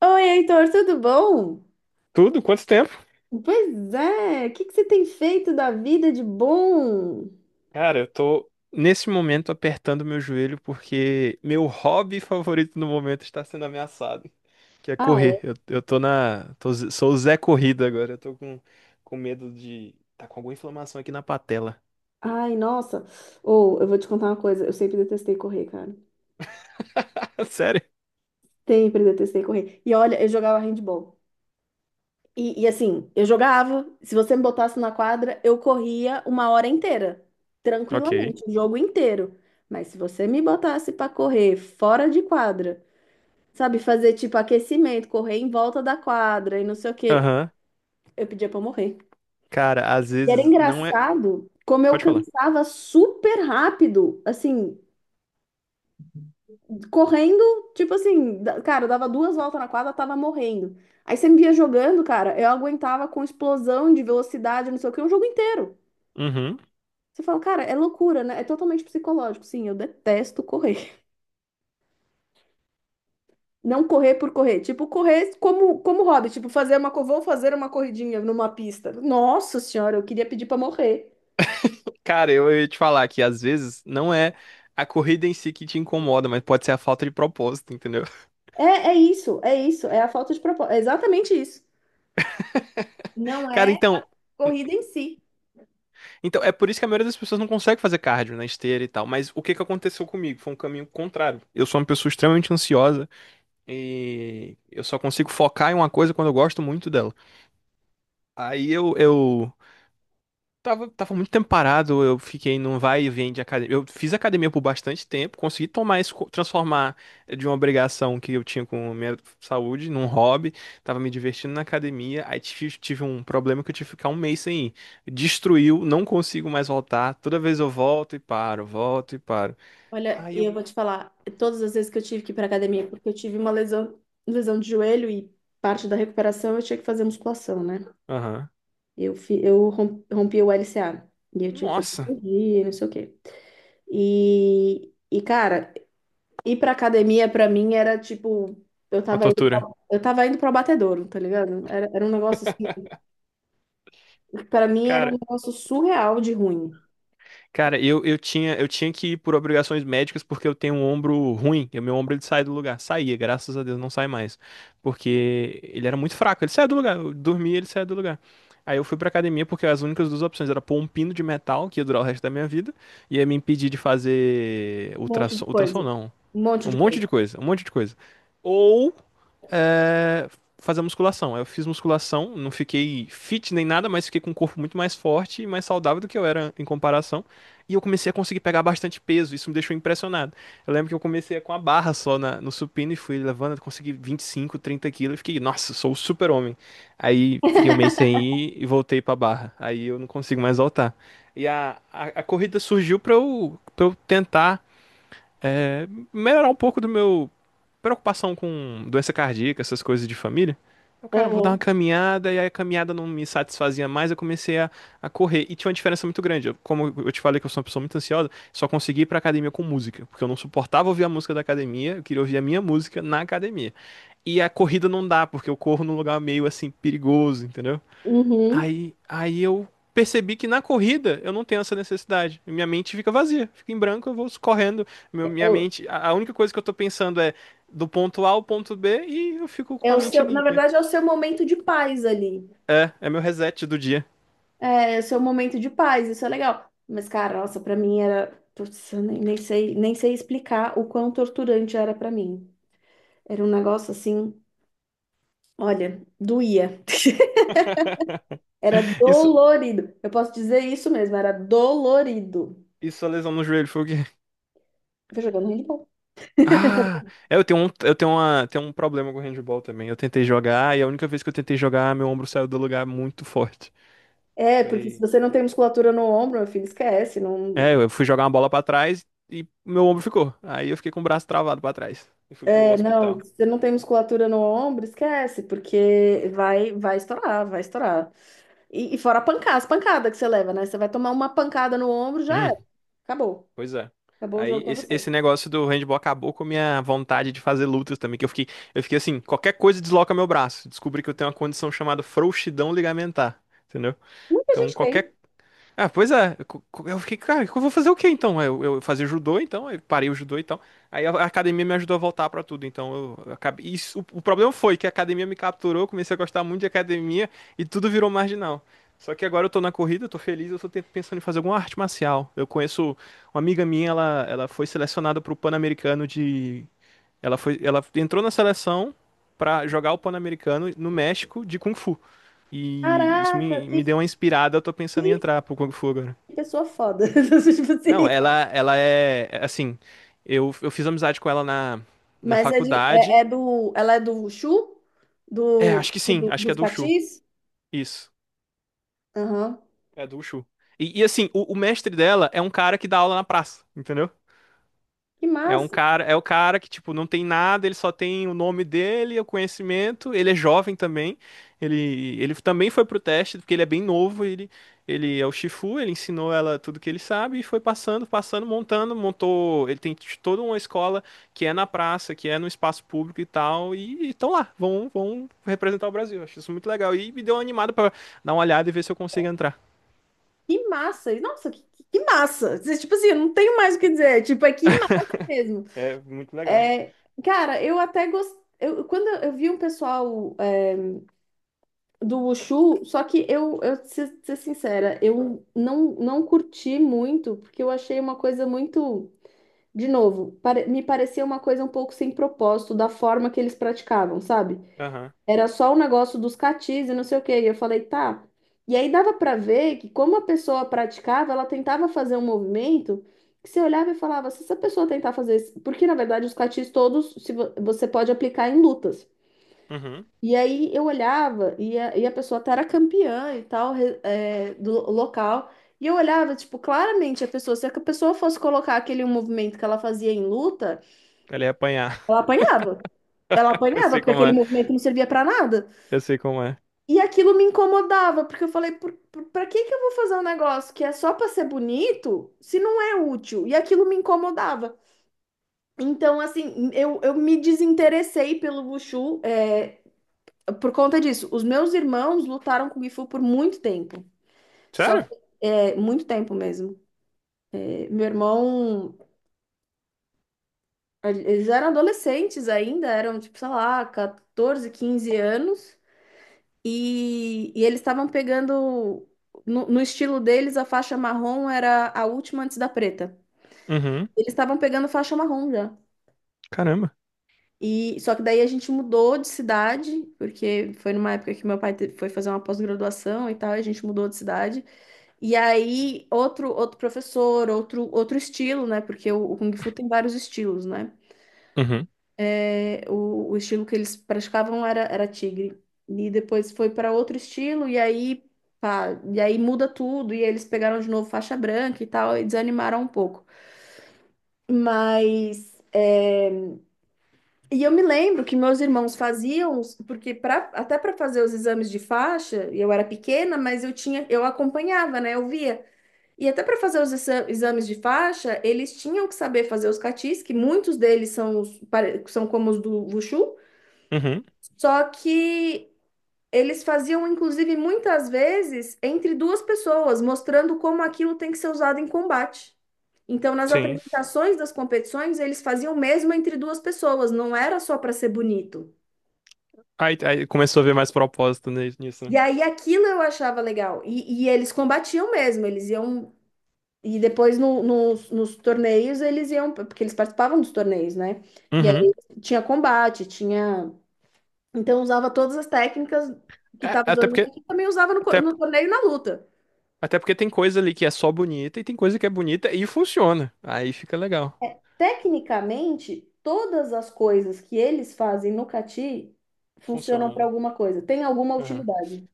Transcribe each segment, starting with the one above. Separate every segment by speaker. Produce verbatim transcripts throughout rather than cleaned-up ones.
Speaker 1: Oi, Heitor, tudo bom?
Speaker 2: Tudo? Quanto tempo?
Speaker 1: Pois é, o que que você tem feito da vida de bom?
Speaker 2: Cara, eu tô nesse momento apertando meu joelho porque meu hobby favorito no momento está sendo ameaçado, que é
Speaker 1: Ah,
Speaker 2: correr.
Speaker 1: é?
Speaker 2: Eu, eu tô na, tô- sou o Zé Corrida agora. Eu tô com, com medo de tá com alguma inflamação aqui na patela.
Speaker 1: Ai, nossa. Ou eu vou te contar uma coisa, eu sempre detestei correr, cara.
Speaker 2: Sério?
Speaker 1: Sempre detestei correr. E olha, eu jogava handball. E, e assim, eu jogava, se você me botasse na quadra, eu corria uma hora inteira,
Speaker 2: Ok.
Speaker 1: tranquilamente, o jogo inteiro. Mas se você me botasse pra correr fora de quadra, sabe, fazer tipo aquecimento, correr em volta da quadra e não sei o quê,
Speaker 2: Aham.
Speaker 1: eu pedia pra eu morrer.
Speaker 2: Cara, às
Speaker 1: E era
Speaker 2: vezes não é.
Speaker 1: engraçado como eu
Speaker 2: Pode falar.
Speaker 1: cansava super rápido, assim, correndo, tipo assim, da- cara, eu dava duas voltas na quadra, tava morrendo. Aí você me via jogando, cara, eu aguentava com explosão de velocidade, não sei o que, um jogo inteiro.
Speaker 2: Uhum.
Speaker 1: Você fala, cara, é loucura, né? É totalmente psicológico. Sim, eu detesto correr. Não correr por correr. Tipo, correr como, como hobby. Tipo, fazer uma, co- vou fazer uma corridinha numa pista. Nossa senhora, eu queria pedir pra morrer.
Speaker 2: Cara, eu ia te falar que às vezes não é a corrida em si que te incomoda, mas pode ser a falta de propósito, entendeu?
Speaker 1: É, é isso, é isso. É a falta de propósito. É exatamente isso. Não
Speaker 2: Cara,
Speaker 1: é
Speaker 2: então.
Speaker 1: corrida em si.
Speaker 2: Então, é por isso que a maioria das pessoas não consegue fazer cardio na esteira e tal. Mas o que que aconteceu comigo? Foi um caminho contrário. Eu sou uma pessoa extremamente ansiosa e eu só consigo focar em uma coisa quando eu gosto muito dela. Aí eu, eu Tava, tava muito tempo parado, eu fiquei num vai e vem de academia. Eu fiz academia por bastante tempo, consegui tomar isso, co- transformar de uma obrigação que eu tinha com a minha saúde num hobby. Tava me divertindo na academia, aí tive, tive um problema que eu tive que ficar um mês sem ir. Destruiu, não consigo mais voltar. Toda vez eu volto e paro, volto e paro.
Speaker 1: Olha,
Speaker 2: Aí
Speaker 1: e
Speaker 2: eu.
Speaker 1: eu vou te falar, todas as vezes que eu tive que ir para academia, porque eu tive uma lesão, lesão de joelho e parte da recuperação eu tinha que fazer musculação, né?
Speaker 2: Aham.
Speaker 1: Eu, fi- eu rom- rompi o L C A e eu tive que fazer
Speaker 2: Nossa,
Speaker 1: cirurgia, não sei o quê. E, e cara, ir para academia para mim era tipo, eu
Speaker 2: uma
Speaker 1: tava indo pra,
Speaker 2: tortura.
Speaker 1: eu tava indo para abatedouro, tá ligado? Era, era um negócio assim, para mim era um
Speaker 2: Cara,
Speaker 1: negócio surreal de ruim.
Speaker 2: cara, eu, eu tinha, eu tinha que ir por obrigações médicas porque eu tenho um ombro ruim. E o meu ombro ele sai do lugar. Saía, graças a Deus, não sai mais. Porque ele era muito fraco. Ele saía do lugar. Eu dormia, ele saía do lugar. Aí eu fui pra academia porque as únicas duas opções era pôr um pino de metal, que ia durar o resto da minha vida, e ia me impedir de fazer
Speaker 1: Um monte de
Speaker 2: ultrassom, ultrassom
Speaker 1: coisa,
Speaker 2: não.
Speaker 1: um monte
Speaker 2: Um
Speaker 1: de
Speaker 2: monte
Speaker 1: coisa.
Speaker 2: de coisa, um monte de coisa. Ou é, fazer musculação. Eu fiz musculação, não fiquei fit nem nada, mas fiquei com um corpo muito mais forte e mais saudável do que eu era em comparação. E eu comecei a conseguir pegar bastante peso, isso me deixou impressionado. Eu lembro que eu comecei com a barra só na- no supino e fui levando, consegui vinte e cinco, trinta quilos e fiquei, nossa, sou o super-homem. Aí fiquei um mês sem ir e voltei pra barra. Aí eu não consigo mais voltar. E a, a, a corrida surgiu pra eu, pra eu tentar é, melhorar um pouco do meu preocupação com doença cardíaca, essas coisas de família. Eu, cara, eu vou dar uma
Speaker 1: Aham.
Speaker 2: caminhada, e aí a caminhada não me satisfazia mais, eu comecei a, a correr. E tinha uma diferença muito grande. Eu- como eu te falei que eu sou uma pessoa muito ansiosa, só consegui ir pra academia com música, porque eu não suportava ouvir a música da academia, eu queria ouvir a minha música na academia. E a corrida não dá, porque eu corro num lugar meio assim perigoso, entendeu?
Speaker 1: Uhum.
Speaker 2: Aí, aí eu percebi que na corrida eu não tenho essa necessidade. Minha mente fica vazia, fica em branco, eu vou correndo. Meu- minha mente, a a única coisa que eu tô pensando é do ponto A ao ponto B e eu fico com
Speaker 1: É
Speaker 2: a
Speaker 1: o
Speaker 2: mente
Speaker 1: seu, na
Speaker 2: limpa.
Speaker 1: verdade, é o seu momento de paz ali.
Speaker 2: É, é meu reset do dia.
Speaker 1: É, é o seu momento de paz, isso é legal. Mas, cara, nossa, pra mim era. Putz, eu nem, nem, sei, nem sei explicar o quão torturante era pra mim. Era um negócio assim, olha, doía. Era
Speaker 2: Isso,
Speaker 1: dolorido. Eu posso dizer isso mesmo, era dolorido.
Speaker 2: isso a lesão no joelho foi o quê?
Speaker 1: Foi jogando handball.
Speaker 2: Ah, é, eu tenho um, eu tenho uma, tenho um problema com handball também. Eu tentei jogar e a única vez que eu tentei jogar, meu ombro saiu do lugar muito forte.
Speaker 1: É, porque se
Speaker 2: Foi,
Speaker 1: você não tem musculatura no ombro, meu filho, esquece.
Speaker 2: é,
Speaker 1: Não.
Speaker 2: eu fui jogar uma bola pra trás e meu ombro ficou. Aí eu fiquei com o braço travado pra trás e fui pro
Speaker 1: É, não,
Speaker 2: hospital.
Speaker 1: se você não tem musculatura no ombro, esquece, porque vai, vai estourar, vai estourar. E, e fora a pancada, as pancadas que você leva, né? Você vai tomar uma pancada no ombro, já
Speaker 2: Hum,
Speaker 1: era. Acabou.
Speaker 2: pois é.
Speaker 1: Acabou o jogo
Speaker 2: Aí
Speaker 1: pra
Speaker 2: esse,
Speaker 1: você.
Speaker 2: esse negócio do handball acabou com a minha vontade de fazer lutas também, que eu fiquei, eu fiquei assim, qualquer coisa desloca meu braço. Descobri que eu tenho uma condição chamada frouxidão ligamentar, entendeu?
Speaker 1: Muita
Speaker 2: Então
Speaker 1: gente
Speaker 2: qualquer
Speaker 1: tem.
Speaker 2: Ah, pois é. Eu co- co- eu fiquei, cara, eu vou fazer o quê então? Eu, eu fazia judô, então, eu parei o judô então. Aí a a academia me ajudou a voltar pra tudo, então eu eu acabei. Isso, o, o problema foi que a academia me capturou, eu comecei a gostar muito de academia e tudo virou marginal. Só que agora eu tô na corrida, eu tô feliz, eu tô te- pensando em fazer alguma arte marcial. Eu conheço uma amiga minha, ela, ela foi selecionada pro Pan-Americano de. Ela foi, ela entrou na seleção pra jogar o Pan-Americano no México de Kung Fu. E isso
Speaker 1: Caraca,
Speaker 2: me,
Speaker 1: que,
Speaker 2: me deu uma inspirada, eu tô pensando em
Speaker 1: que
Speaker 2: entrar pro Kung Fu agora.
Speaker 1: pessoa foda. Tipo
Speaker 2: Não,
Speaker 1: assim.
Speaker 2: ela, ela é, é assim, eu, eu fiz amizade com ela na, na
Speaker 1: Mas é, de, é,
Speaker 2: faculdade.
Speaker 1: é do. Ela é do Wushu?
Speaker 2: É,
Speaker 1: Do,
Speaker 2: acho que
Speaker 1: tipo,
Speaker 2: sim,
Speaker 1: do-
Speaker 2: acho que é
Speaker 1: dos
Speaker 2: do Chu.
Speaker 1: catis?
Speaker 2: Isso,
Speaker 1: Aham.
Speaker 2: é do Chu. E, e assim, o, o mestre dela é um cara que dá aula na praça, entendeu?
Speaker 1: Que
Speaker 2: É um
Speaker 1: massa.
Speaker 2: cara, é o cara que, tipo, não tem nada, ele só tem o nome dele, o conhecimento, ele é jovem também. Ele, ele também foi pro teste, porque ele é bem novo, ele, ele é o Shifu, ele ensinou ela tudo que ele sabe e foi passando, passando, montando, montou, ele tem t- toda uma escola que é na praça, que é no espaço público e tal, e estão lá, vão, vão representar o Brasil. Acho isso muito legal e me deu uma animada pra dar uma olhada e ver se eu consigo entrar.
Speaker 1: Que massa. E, nossa, que, que que massa. Você, tipo assim, eu não tenho mais o que dizer. Tipo, é que massa mesmo.
Speaker 2: É muito legal.
Speaker 1: É, cara, eu até gostei. Eu, quando eu vi um pessoal do Wushu, só que eu, eu preciso ser sincera, eu não, não curti muito, porque eu achei uma coisa muito, de novo, pare- me parecia uma coisa um pouco sem propósito da forma que eles praticavam, sabe?
Speaker 2: Aham.
Speaker 1: Era só o negócio dos catis e não sei o quê, e eu falei, tá. E aí dava pra ver que como a pessoa praticava, ela tentava fazer um movimento que você olhava e falava, se essa pessoa tentar fazer isso, porque na verdade os catis todos se vo- você pode aplicar em lutas.
Speaker 2: Uhum.
Speaker 1: E aí eu olhava e a, e a pessoa tá, era campeã e tal re- é, do lo- local. E eu olhava, tipo, claramente a pessoa, se a pessoa fosse colocar aquele movimento que ela fazia em luta,
Speaker 2: Ele ia apanhar.
Speaker 1: ela apanhava. Ela
Speaker 2: Eu
Speaker 1: apanhava,
Speaker 2: sei
Speaker 1: porque
Speaker 2: como
Speaker 1: aquele
Speaker 2: é.
Speaker 1: movimento não servia pra nada.
Speaker 2: Eu sei como é.
Speaker 1: E aquilo me incomodava, porque eu falei, por, por, pra que que eu vou fazer um negócio que é só pra ser bonito, se não é útil? E aquilo me incomodava. Então, assim, eu, eu me desinteressei pelo Wushu, é, por conta disso, os meus irmãos lutaram com o Gifu por muito tempo. Só
Speaker 2: Sério?
Speaker 1: que, é, muito tempo mesmo. É, meu irmão, eles eram adolescentes ainda, eram tipo, sei lá, catorze, quinze anos. E, e eles estavam pegando, no, no estilo deles, a faixa marrom era a última antes da preta.
Speaker 2: Uhum.
Speaker 1: Eles estavam pegando faixa marrom já.
Speaker 2: Caramba.
Speaker 1: E, só que daí a gente mudou de cidade, porque foi numa época que meu pai te- foi fazer uma pós-graduação e tal, e a gente mudou de cidade. E aí, outro, outro professor, outro, outro estilo, né? Porque o, o Kung Fu tem vários estilos, né?
Speaker 2: Uhum.
Speaker 1: É, O, o estilo que eles praticavam era, era tigre. E depois foi para outro estilo, e aí, pá, e aí muda tudo, e eles pegaram de novo faixa branca e tal, e desanimaram um pouco. Mas, é, e eu me lembro que meus irmãos faziam, os- porque pra, até para fazer os exames de faixa, e eu era pequena, mas eu tinha, eu acompanhava, né? Eu via. E até para fazer os exa- exames de faixa, eles tinham que saber fazer os catis, que muitos deles são, os pare- são como os do Wushu,
Speaker 2: Uhum.
Speaker 1: só que eles faziam, inclusive, muitas vezes entre duas pessoas, mostrando como aquilo tem que ser usado em combate. Então, nas
Speaker 2: Sim.
Speaker 1: apresentações das competições, eles faziam mesmo entre duas pessoas, não era só para ser bonito.
Speaker 2: Aí, aí começou a ver mais propósito ni- nisso.
Speaker 1: E
Speaker 2: Né?
Speaker 1: aí aquilo eu achava legal. E, e eles combatiam mesmo, eles iam. E depois no- nos, nos, torneios eles iam, porque eles participavam dos torneios, né? E
Speaker 2: Uhum.
Speaker 1: aí tinha combate, tinha. Então usava todas as técnicas que
Speaker 2: É,
Speaker 1: estava
Speaker 2: até
Speaker 1: dando,
Speaker 2: porque,
Speaker 1: e também usava no,
Speaker 2: até,
Speaker 1: co- no torneio e na luta.
Speaker 2: até porque tem coisa ali que é só bonita e tem coisa que é bonita e funciona. Aí fica legal.
Speaker 1: Tecnicamente, todas as coisas que eles fazem no cati funcionam
Speaker 2: Funciona,
Speaker 1: para
Speaker 2: né?
Speaker 1: alguma coisa, tem alguma
Speaker 2: Uhum.
Speaker 1: utilidade.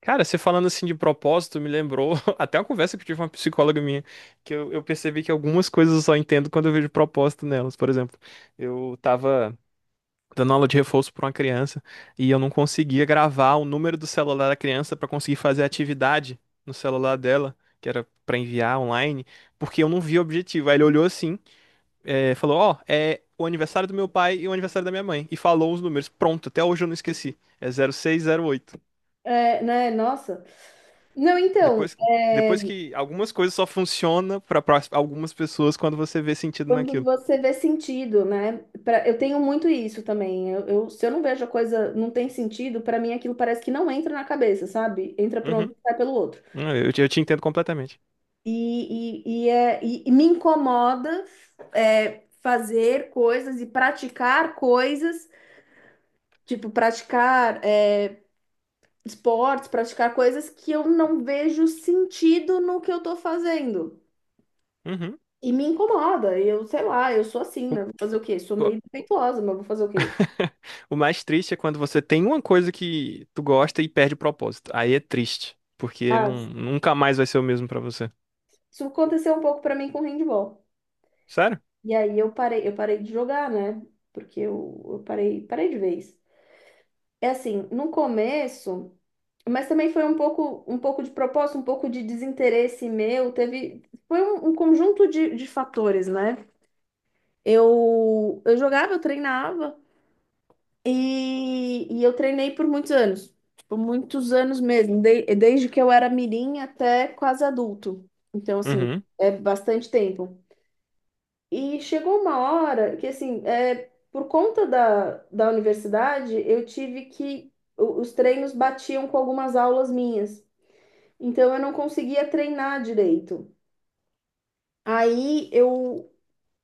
Speaker 2: Cara, você falando assim de propósito me lembrou até uma conversa que eu tive com uma psicóloga minha, que eu, eu percebi que algumas coisas eu só entendo quando eu vejo propósito nelas. Por exemplo, eu tava dando aula de reforço para uma criança e eu não conseguia gravar o número do celular da criança para conseguir fazer a atividade no celular dela, que era para enviar online, porque eu não vi o objetivo. Aí ele olhou assim, eh, falou: Ó, é o aniversário do meu pai e o aniversário da minha mãe, e falou os números. Pronto, até hoje eu não esqueci. É zero zero seis zero oito
Speaker 1: É, né? Nossa. Não, então.
Speaker 2: Depois.
Speaker 1: é,
Speaker 2: Depois que algumas coisas só funcionam para algumas pessoas quando você vê sentido
Speaker 1: Quando
Speaker 2: naquilo.
Speaker 1: você vê sentido, né? Pra, eu tenho muito isso também. Eu, eu- se eu não vejo a coisa não tem sentido, para mim aquilo parece que não entra na cabeça, sabe? Entra por um
Speaker 2: Uhum.
Speaker 1: ouvido e sai pelo outro.
Speaker 2: Eu, te- eu te entendo completamente.
Speaker 1: E, e, e, é, e, e me incomoda é, fazer coisas e praticar coisas, tipo, praticar é, esportes, praticar coisas que eu não vejo sentido no que eu tô fazendo.
Speaker 2: Uhum.
Speaker 1: E me incomoda. Eu, sei lá, eu sou assim, né? Vou fazer o quê? Sou meio defeituosa, mas vou fazer o quê?
Speaker 2: O mais triste é quando você tem uma coisa que tu gosta e perde o propósito. Aí é triste, porque
Speaker 1: Ah,
Speaker 2: não, nunca mais vai ser o mesmo pra você.
Speaker 1: isso aconteceu um pouco pra mim com handball.
Speaker 2: Sério?
Speaker 1: E aí eu parei, eu parei de jogar, né? Porque eu, eu, parei, parei de vez. É assim, no começo, mas também foi um pouco, um pouco, de propósito, um pouco de desinteresse meu. Teve, foi um, um conjunto de, de fatores, né? Eu, eu jogava, eu treinava e, e eu treinei por muitos anos. Tipo, muitos anos mesmo, de- desde que eu era mirim até quase adulto. Então, assim,
Speaker 2: Uhum,
Speaker 1: é bastante tempo. E chegou uma hora que, assim, é, por conta da, da universidade, eu tive que. o- Os treinos batiam com algumas aulas minhas. Então, eu não conseguia treinar direito. Aí, eu,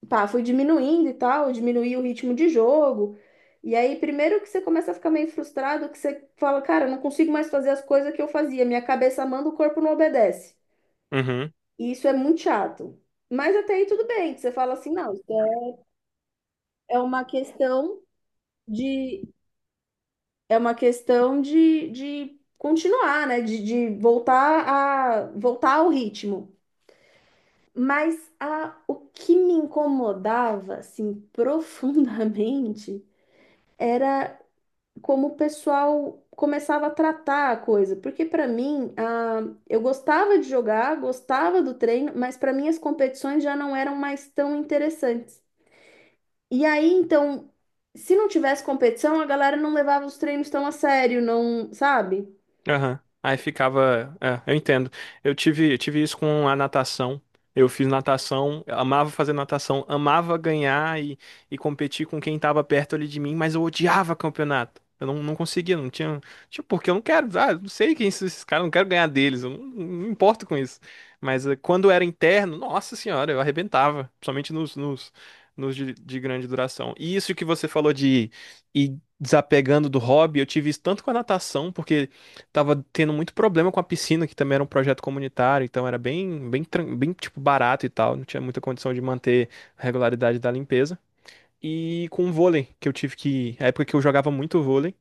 Speaker 1: pá, fui diminuindo e tal, eu diminuí o ritmo de jogo. E aí, primeiro que você começa a ficar meio frustrado, que você fala, cara, eu não consigo mais fazer as coisas que eu fazia. Minha cabeça manda, o corpo não obedece.
Speaker 2: uhum.
Speaker 1: E isso é muito chato. Mas até aí tudo bem, que você fala assim, não, isso é é uma questão de é uma questão de, de continuar, né? De, de voltar a voltar ao ritmo. Mas a, o que me incomodava, assim, profundamente, era como o pessoal começava a tratar a coisa. Porque para mim, a, eu gostava de jogar, gostava do treino, mas para mim as competições já não eram mais tão interessantes. E aí, então, se não tivesse competição, a galera não levava os treinos tão a sério, não, sabe?
Speaker 2: Aham. Aí ficava. É, eu entendo. Eu tive, eu tive isso com a natação. Eu fiz natação, amava fazer natação, amava ganhar e, e competir com quem tava perto ali de mim, mas eu odiava campeonato. Eu não, não conseguia, não tinha. Tipo, porque eu não quero. Ah, eu não sei quem são esses caras, eu não quero ganhar deles, eu não, não me importo com isso. Mas eh, quando era interno, nossa senhora, eu arrebentava, principalmente nos, nos, nos de, de grande duração. E isso que você falou de ir desapegando do hobby, eu tive isso tanto com a natação, porque tava tendo muito problema com a piscina, que também era um projeto comunitário, então era bem, bem, tran- bem tipo barato e tal, não tinha muita condição de manter a regularidade da limpeza. E com o vôlei, que eu tive que, a época que eu jogava muito vôlei,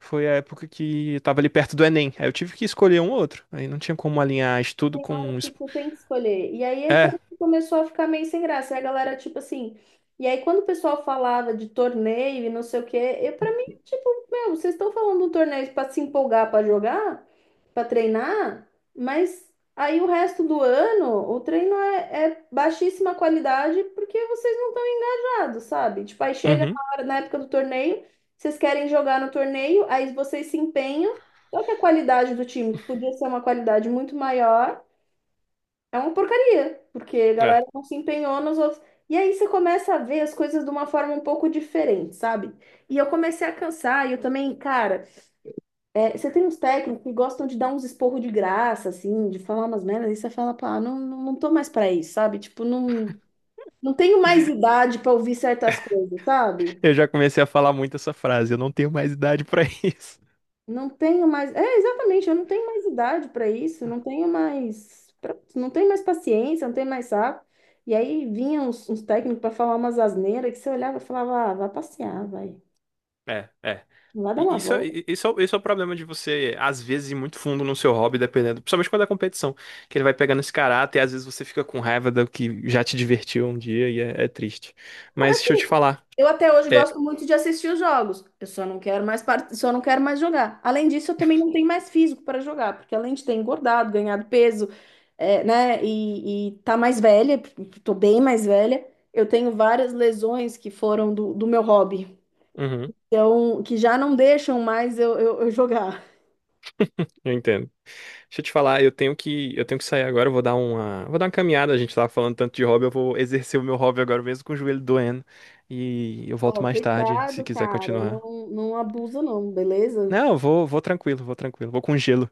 Speaker 2: foi a época que eu tava ali perto do Enem. Aí eu tive que escolher um ou outro. Aí não tinha como alinhar estudo com
Speaker 1: Que
Speaker 2: es-
Speaker 1: você tem que escolher. E aí é pra-
Speaker 2: É.
Speaker 1: começou a ficar meio sem graça. E a galera, tipo assim. E aí, quando o pessoal falava de torneio e não sei o quê, eu, pra mim, tipo, meu, vocês estão falando de um torneio pra se empolgar pra jogar, pra treinar, mas aí o resto do ano o treino é, é baixíssima qualidade porque vocês não estão engajados, sabe? Tipo, aí chega
Speaker 2: Uhum.
Speaker 1: na hora, na época do torneio, vocês querem jogar no torneio, aí vocês se empenham. Só que a qualidade do time, que podia ser uma qualidade muito maior, é uma porcaria, porque a galera
Speaker 2: É.
Speaker 1: não se empenhou nos outros. E aí você começa a ver as coisas de uma forma um pouco diferente, sabe? E eu comecei a cansar, e eu também, cara, é, você tem uns técnicos que gostam de dar uns esporro de graça, assim, de falar umas merdas, e você fala, pá, não, não, não tô mais pra isso, sabe? Tipo, não, não tenho mais idade pra ouvir certas coisas, sabe?
Speaker 2: Eu já comecei a falar muito essa frase, eu não tenho mais idade pra isso.
Speaker 1: Não tenho mais. É, exatamente, eu não tenho mais idade para isso, não tenho mais, pra- não tenho mais paciência, não tenho mais saco. E aí vinham uns, uns técnicos para falar umas asneiras que você olhava e falava, ah, vai passear, vai.
Speaker 2: É, é.
Speaker 1: Vai dar
Speaker 2: E
Speaker 1: uma
Speaker 2: Isso,
Speaker 1: volta.
Speaker 2: e- isso, é o- isso é o problema de você, às vezes, ir muito fundo no seu hobby, dependendo, principalmente quando é competição, que ele vai pegando esse caráter e às vezes você fica com raiva do que já te divertiu um dia e é, é triste. Mas deixa eu te
Speaker 1: Assim,
Speaker 2: falar,
Speaker 1: eu até hoje
Speaker 2: é,
Speaker 1: gosto muito de assistir os jogos. Eu só não quero mais part... só não quero mais jogar. Além disso, eu também não tenho mais físico para jogar, porque além de ter engordado, ganhado peso, é, né, e, e tá mais velha, porque tô bem mais velha, eu tenho várias lesões que foram do, do meu hobby.
Speaker 2: uhum,
Speaker 1: Então, que já não deixam mais eu, eu, eu jogar.
Speaker 2: eu entendo. Deixa eu te falar, eu tenho que, eu tenho que sair agora, eu vou dar uma, vou dar uma caminhada, a gente tava falando tanto de hobby, eu vou exercer o meu hobby agora mesmo com o joelho doendo e eu volto
Speaker 1: Ó,
Speaker 2: mais tarde, se
Speaker 1: cuidado,
Speaker 2: quiser
Speaker 1: cara,
Speaker 2: continuar.
Speaker 1: não, não abusa não, beleza?
Speaker 2: Não, eu vou, vou tranquilo, vou tranquilo, vou com gelo.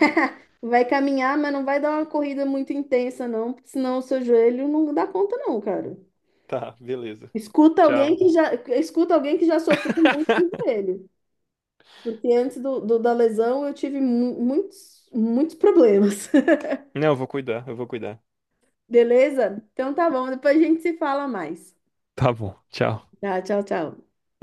Speaker 1: Vai caminhar, mas não vai dar uma corrida muito intensa, não, porque senão o seu joelho não dá conta, não, cara.
Speaker 2: Tá, beleza.
Speaker 1: Escuta alguém
Speaker 2: Tchau.
Speaker 1: que já, escuta alguém que já sofreu muito com o joelho. Porque antes do, do- da lesão eu tive mu- muitos, muitos problemas.
Speaker 2: Não, eu vou cuidar, eu vou cuidar.
Speaker 1: Beleza? Então tá bom, depois a gente se fala mais.
Speaker 2: Tá bom, tchau.
Speaker 1: Tá, tchau, tchau.